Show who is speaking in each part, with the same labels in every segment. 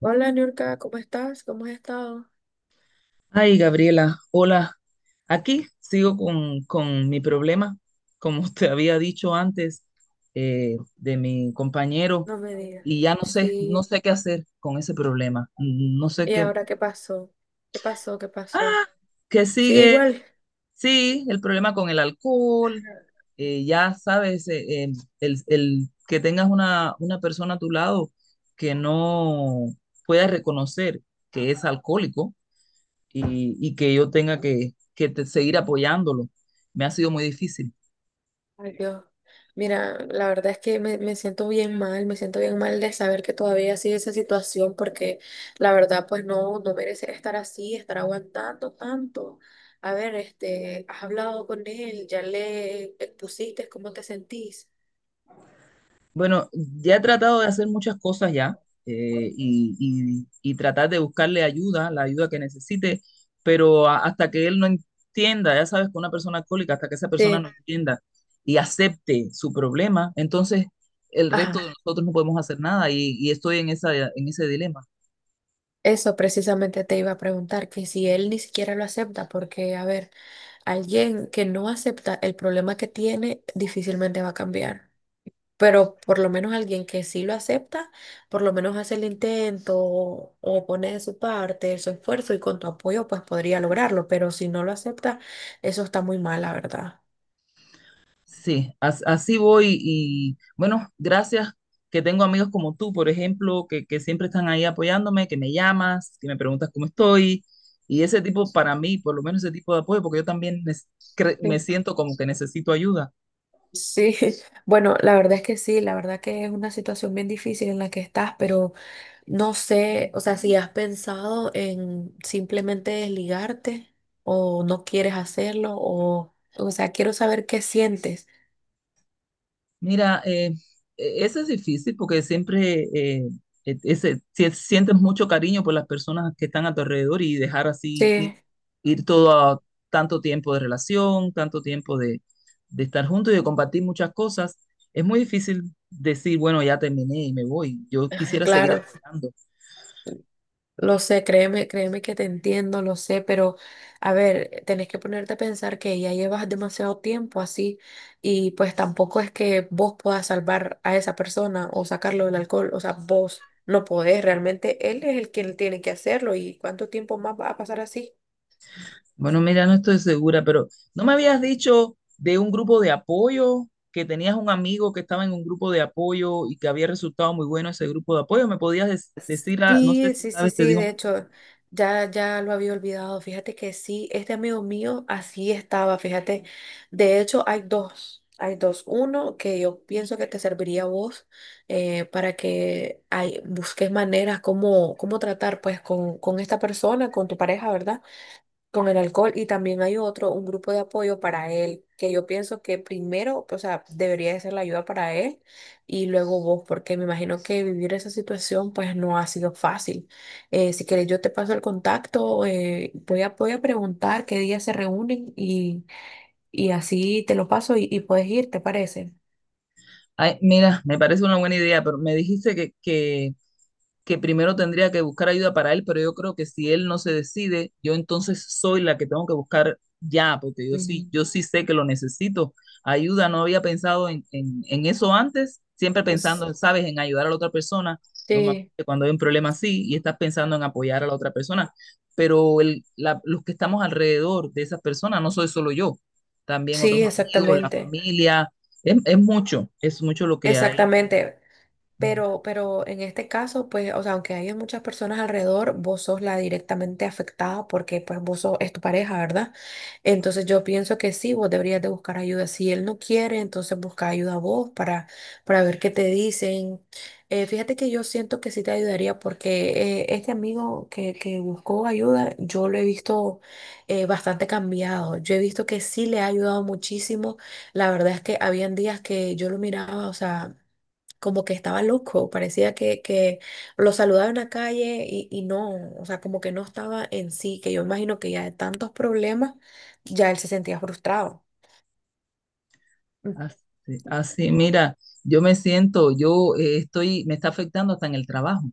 Speaker 1: Hola, Niurka, ¿cómo estás? ¿Cómo has estado?
Speaker 2: Ay, Gabriela, hola. Aquí sigo con mi problema, como te había dicho antes, de mi compañero,
Speaker 1: No me digas.
Speaker 2: y ya no sé, no
Speaker 1: Sí.
Speaker 2: sé qué hacer con ese problema. No sé
Speaker 1: ¿Y
Speaker 2: qué.
Speaker 1: ahora qué pasó? ¿Qué pasó? ¿Qué pasó?
Speaker 2: Ah, que
Speaker 1: Sí,
Speaker 2: sigue,
Speaker 1: igual.
Speaker 2: sí, el problema con el alcohol. Ya sabes, el que tengas una persona a tu lado que no pueda reconocer que es alcohólico y que yo tenga que seguir apoyándolo. Me ha sido muy difícil.
Speaker 1: Ay, Dios. Mira, la verdad es que me siento bien mal, me siento bien mal de saber que todavía sigue esa situación porque la verdad pues no, no merece estar así, estar aguantando tanto. A ver, has hablado con él, ya le expusiste cómo te sentís.
Speaker 2: Bueno, ya he tratado de hacer muchas cosas ya eh, y, y tratar de buscarle ayuda, la ayuda que necesite, pero hasta que él no entienda, ya sabes, que una persona alcohólica, hasta que esa persona no
Speaker 1: Sí.
Speaker 2: entienda y acepte su problema, entonces el resto
Speaker 1: Ajá.
Speaker 2: de nosotros no podemos hacer nada y, y estoy en esa, en ese dilema.
Speaker 1: Eso precisamente te iba a preguntar, que si él ni siquiera lo acepta, porque, a ver, alguien que no acepta el problema que tiene difícilmente va a cambiar, pero por lo menos alguien que sí lo acepta, por lo menos hace el intento o pone de su parte su esfuerzo y con tu apoyo pues podría lograrlo, pero si no lo acepta, eso está muy mal, la verdad.
Speaker 2: Sí, así voy y bueno, gracias que tengo amigos como tú, por ejemplo, que siempre están ahí apoyándome, que me llamas, que me preguntas cómo estoy y ese tipo para mí, por lo menos ese tipo de apoyo, porque yo también me
Speaker 1: Sí.
Speaker 2: siento como que necesito ayuda.
Speaker 1: Sí, bueno, la verdad es que sí, la verdad que es una situación bien difícil en la que estás, pero... No sé, o sea, si has pensado en simplemente desligarte o no quieres hacerlo o sea, quiero saber qué sientes.
Speaker 2: Mira, eso es difícil porque siempre sientes mucho cariño por las personas que están a tu alrededor y dejar así ir,
Speaker 1: Sí,
Speaker 2: ir todo a tanto tiempo de relación, tanto tiempo de estar juntos y de compartir muchas cosas, es muy difícil decir, bueno, ya terminé y me voy. Yo
Speaker 1: ah,
Speaker 2: quisiera seguir
Speaker 1: claro,
Speaker 2: apoyando.
Speaker 1: lo sé, créeme, créeme que te entiendo, lo sé, pero a ver, tenés que ponerte a pensar que ya llevas demasiado tiempo así y pues tampoco es que vos puedas salvar a esa persona o sacarlo del alcohol, o sea, vos no podés, realmente él es el quien tiene que hacerlo y cuánto tiempo más va a pasar así.
Speaker 2: Bueno, mira, no estoy segura, pero ¿no me habías dicho de un grupo de apoyo, que tenías un amigo que estaba en un grupo de apoyo y que había resultado muy bueno ese grupo de apoyo? ¿Me podías decir, no sé
Speaker 1: Sí,
Speaker 2: si
Speaker 1: sí, sí,
Speaker 2: sabes, te
Speaker 1: sí, de
Speaker 2: digo,
Speaker 1: hecho, ya lo había olvidado. Fíjate que sí, este amigo mío así estaba, fíjate. De hecho, hay dos. Uno que yo pienso que te serviría a vos para que ay, busques maneras como, cómo tratar pues con esta persona, con tu pareja, ¿verdad? Con el alcohol y también hay otro, un grupo de apoyo para él, que yo pienso que primero, o sea, debería de ser la ayuda para él y luego vos, porque me imagino que vivir esa situación pues no ha sido fácil. Si querés, yo te paso el contacto, voy a, voy a preguntar qué día se reúnen y así te lo paso y puedes ir, ¿te parece?
Speaker 2: ay, mira, me parece una buena idea, pero me dijiste que primero tendría que buscar ayuda para él, pero yo creo que si él no se decide, yo entonces soy la que tengo que buscar ya, porque yo sí,
Speaker 1: Mm.
Speaker 2: yo sí sé que lo necesito. Ayuda, no había pensado en eso antes, siempre
Speaker 1: Pues
Speaker 2: pensando, sabes, en ayudar a la otra persona,
Speaker 1: sí,
Speaker 2: normalmente cuando hay un problema así y estás pensando en apoyar a la otra persona, pero los que estamos alrededor de esas personas no soy solo yo, también otros
Speaker 1: sí,
Speaker 2: amigos, la
Speaker 1: exactamente,
Speaker 2: familia, es mucho lo que hay.
Speaker 1: exactamente. Pero en este caso, pues, o sea, aunque haya muchas personas alrededor, vos sos la directamente afectada porque, pues, vos sos, es tu pareja, ¿verdad? Entonces yo pienso que sí, vos deberías de buscar ayuda. Si él no quiere, entonces busca ayuda a vos para ver qué te dicen. Fíjate que yo siento que sí te ayudaría porque este amigo que buscó ayuda, yo lo he visto bastante cambiado. Yo he visto que sí le ha ayudado muchísimo. La verdad es que habían días que yo lo miraba, o sea como que estaba loco, parecía que lo saludaba en la calle y no, o sea, como que no estaba en sí, que yo imagino que ya de tantos problemas, ya él se sentía frustrado. Mm.
Speaker 2: Así, así, mira, yo me siento, yo estoy, me está afectando hasta en el trabajo,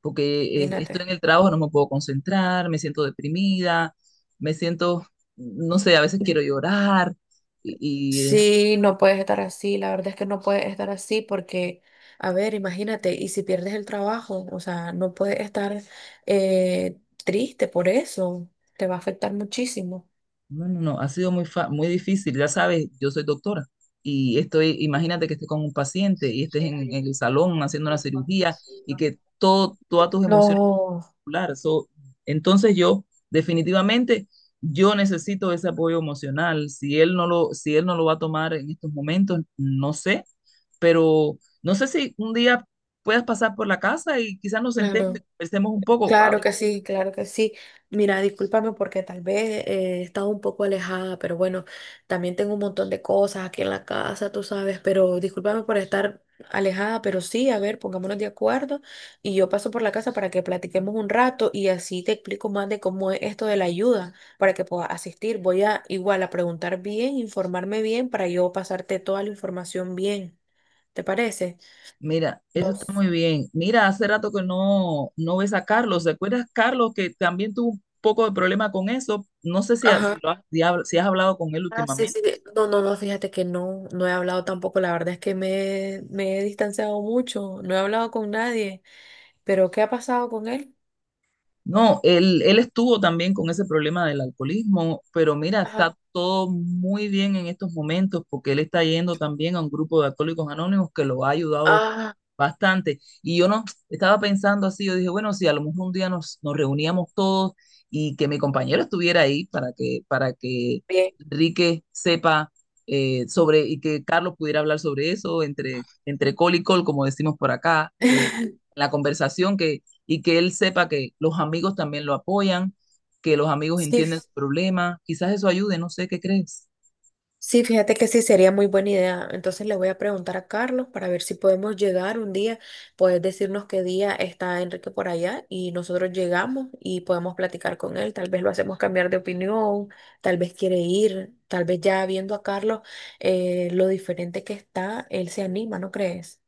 Speaker 2: porque estoy
Speaker 1: Imagínate.
Speaker 2: en el trabajo, no me puedo concentrar, me siento deprimida, me siento, no sé, a veces quiero llorar, y, y, eh,
Speaker 1: Sí, no puedes estar así, la verdad es que no puedes estar así porque, a ver, imagínate, y si pierdes el trabajo, o sea, no puedes estar triste por eso, te va a afectar muchísimo.
Speaker 2: no, no, no, ha sido muy difícil, ya sabes, yo soy doctora, y estoy, imagínate que estés con un paciente y estés en el salón haciendo una cirugía y que todo, todas tus emociones
Speaker 1: No,
Speaker 2: particular. So, entonces yo, definitivamente, yo necesito ese apoyo emocional. Si él no lo, si él no lo va a tomar en estos momentos, no sé, pero no sé si un día puedas pasar por la casa y quizás nos sentemos y
Speaker 1: claro.
Speaker 2: conversemos un poco. A
Speaker 1: Claro
Speaker 2: ver,
Speaker 1: que sí, claro que sí. Mira, discúlpame porque tal vez he estado un poco alejada, pero bueno, también tengo un montón de cosas aquí en la casa, tú sabes, pero discúlpame por estar alejada, pero sí, a ver, pongámonos de acuerdo y yo paso por la casa para que platiquemos un rato y así te explico más de cómo es esto de la ayuda para que puedas asistir. Voy a igual a preguntar bien, informarme bien para yo pasarte toda la información bien. ¿Te parece?
Speaker 2: mira, eso
Speaker 1: No.
Speaker 2: está muy bien. Mira, hace rato que no, no ves a Carlos. ¿Te acuerdas, Carlos, que también tuvo un poco de problema con eso? No sé si, si
Speaker 1: Ajá.
Speaker 2: lo has, si si has hablado con él
Speaker 1: Ah, sí, sí.
Speaker 2: últimamente.
Speaker 1: No, no, no, fíjate que no, no he hablado tampoco. La verdad es que me he distanciado mucho. No he hablado con nadie. Pero, ¿qué ha pasado con él?
Speaker 2: No, él estuvo también con ese problema del alcoholismo, pero mira,
Speaker 1: Ajá.
Speaker 2: está todo muy bien en estos momentos porque él está yendo también a un grupo de alcohólicos anónimos que lo ha ayudado
Speaker 1: Ah,
Speaker 2: bastante. Y yo no estaba pensando así, yo dije, bueno, si a lo mejor un día nos, nos reuníamos todos y que mi compañero estuviera ahí para que
Speaker 1: bien.
Speaker 2: Enrique sepa sobre y que Carlos pudiera hablar sobre eso entre, entre col y col, como decimos por acá, la conversación y que él sepa que los amigos también lo apoyan, que los amigos
Speaker 1: Sí,
Speaker 2: entienden su problema. Quizás eso ayude, no sé qué crees.
Speaker 1: sí, fíjate que sí, sería muy buena idea. Entonces le voy a preguntar a Carlos para ver si podemos llegar un día. Puedes decirnos qué día está Enrique por allá y nosotros llegamos y podemos platicar con él. Tal vez lo hacemos cambiar de opinión, tal vez quiere ir, tal vez ya viendo a Carlos lo diferente que está, él se anima, ¿no crees?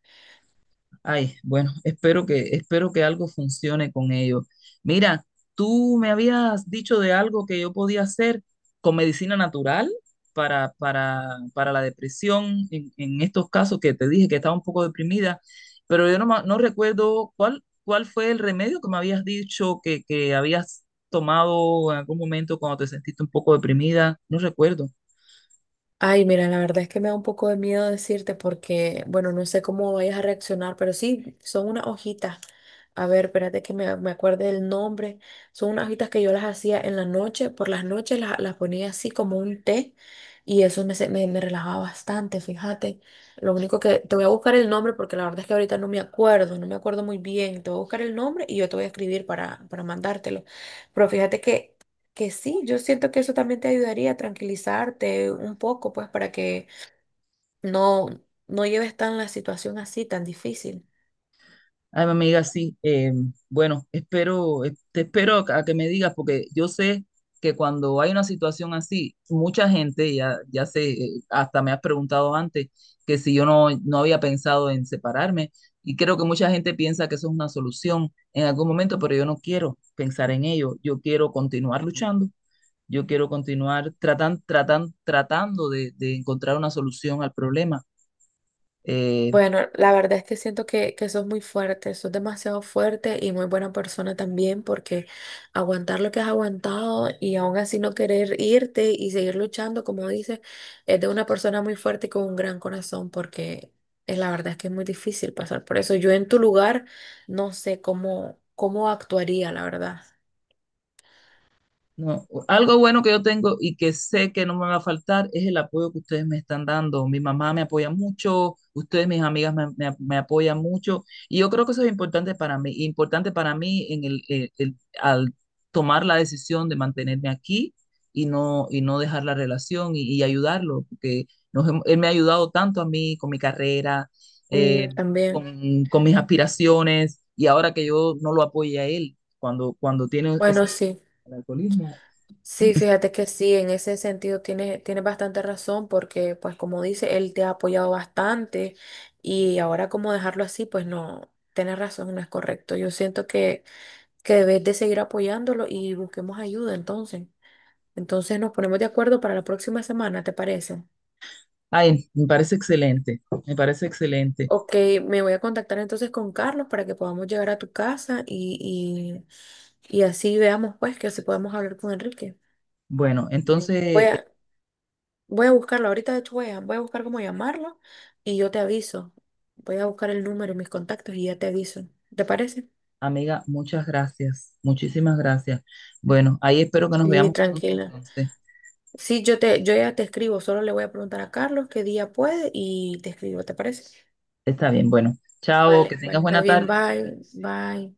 Speaker 2: Ay, bueno, espero que algo funcione con ellos. Mira, tú me habías dicho de algo que yo podía hacer con medicina natural para, para, para la depresión en estos casos que te dije que estaba un poco deprimida, pero yo no, no recuerdo cuál, cuál fue el remedio que me habías dicho que habías tomado en algún momento cuando te sentiste un poco deprimida. No recuerdo.
Speaker 1: Ay, mira, la verdad es que me da un poco de miedo decirte porque, bueno, no sé cómo vayas a reaccionar, pero sí, son unas hojitas. A ver, espérate que me acuerde del nombre. Son unas hojitas que yo las hacía en la noche, por las noches las ponía así como un té y eso me, me, me relajaba bastante, fíjate. Lo único que te voy a buscar el nombre porque la verdad es que ahorita no me acuerdo, no me acuerdo muy bien. Te voy a buscar el nombre y yo te voy a escribir para mandártelo. Pero fíjate que sí, yo siento que eso también te ayudaría a tranquilizarte un poco, pues para que no, no lleves tan la situación así, tan difícil.
Speaker 2: Ay, mi amiga, sí. Bueno, espero, te espero a que me digas, porque yo sé que cuando hay una situación así, mucha gente, ya, ya sé, hasta me has preguntado antes que si yo no, no había pensado en separarme, y creo que mucha gente piensa que eso es una solución en algún momento, pero yo no quiero pensar en ello. Yo quiero continuar luchando, yo quiero continuar tratando de encontrar una solución al problema. Eh,
Speaker 1: Bueno, la verdad es que siento que sos muy fuerte, sos demasiado fuerte y muy buena persona también porque aguantar lo que has aguantado y aún así no querer irte y seguir luchando, como dices, es de una persona muy fuerte y con un gran corazón porque la verdad es que es muy difícil pasar por eso. Yo en tu lugar no sé cómo, cómo actuaría, la verdad.
Speaker 2: No, algo bueno que yo tengo y que sé que no me va a faltar es el apoyo que ustedes me están dando. Mi mamá me apoya mucho, ustedes, mis amigas, me apoyan mucho. Y yo creo que eso es importante para mí. Importante para mí en el- al tomar la decisión de mantenerme aquí y no dejar la relación y ayudarlo, porque él me ha ayudado tanto a mí con mi carrera,
Speaker 1: Mm,
Speaker 2: eh,
Speaker 1: también.
Speaker 2: con mis aspiraciones, y ahora que yo no lo apoye a él cuando, cuando tiene ese
Speaker 1: Bueno, sí.
Speaker 2: el alcoholismo.
Speaker 1: Sí, fíjate que sí, en ese sentido tienes, tienes bastante razón porque, pues como dice, él te ha apoyado bastante y ahora como dejarlo así, pues no, tienes razón, no es correcto. Yo siento que debes de seguir apoyándolo y busquemos ayuda entonces. Entonces nos ponemos de acuerdo para la próxima semana, ¿te parece?
Speaker 2: Ay, me parece excelente, me parece excelente.
Speaker 1: Ok, me voy a contactar entonces con Carlos para que podamos llegar a tu casa y así veamos pues que si podemos hablar con Enrique.
Speaker 2: Bueno,
Speaker 1: Ok.
Speaker 2: entonces, eh,
Speaker 1: Voy a buscarlo, ahorita de hecho voy a, voy a buscar cómo llamarlo y yo te aviso. Voy a buscar el número y mis contactos y ya te aviso. ¿Te parece?
Speaker 2: amiga, muchas gracias, muchísimas gracias. Bueno, ahí espero que nos
Speaker 1: Sí,
Speaker 2: veamos pronto
Speaker 1: tranquila.
Speaker 2: entonces.
Speaker 1: Sí, yo ya te escribo, solo le voy a preguntar a Carlos qué día puede y te escribo, ¿te parece?
Speaker 2: Está bien, bueno, chao, que
Speaker 1: Vale,
Speaker 2: tengas
Speaker 1: vale, está
Speaker 2: buena
Speaker 1: bien,
Speaker 2: tarde.
Speaker 1: bye, bye.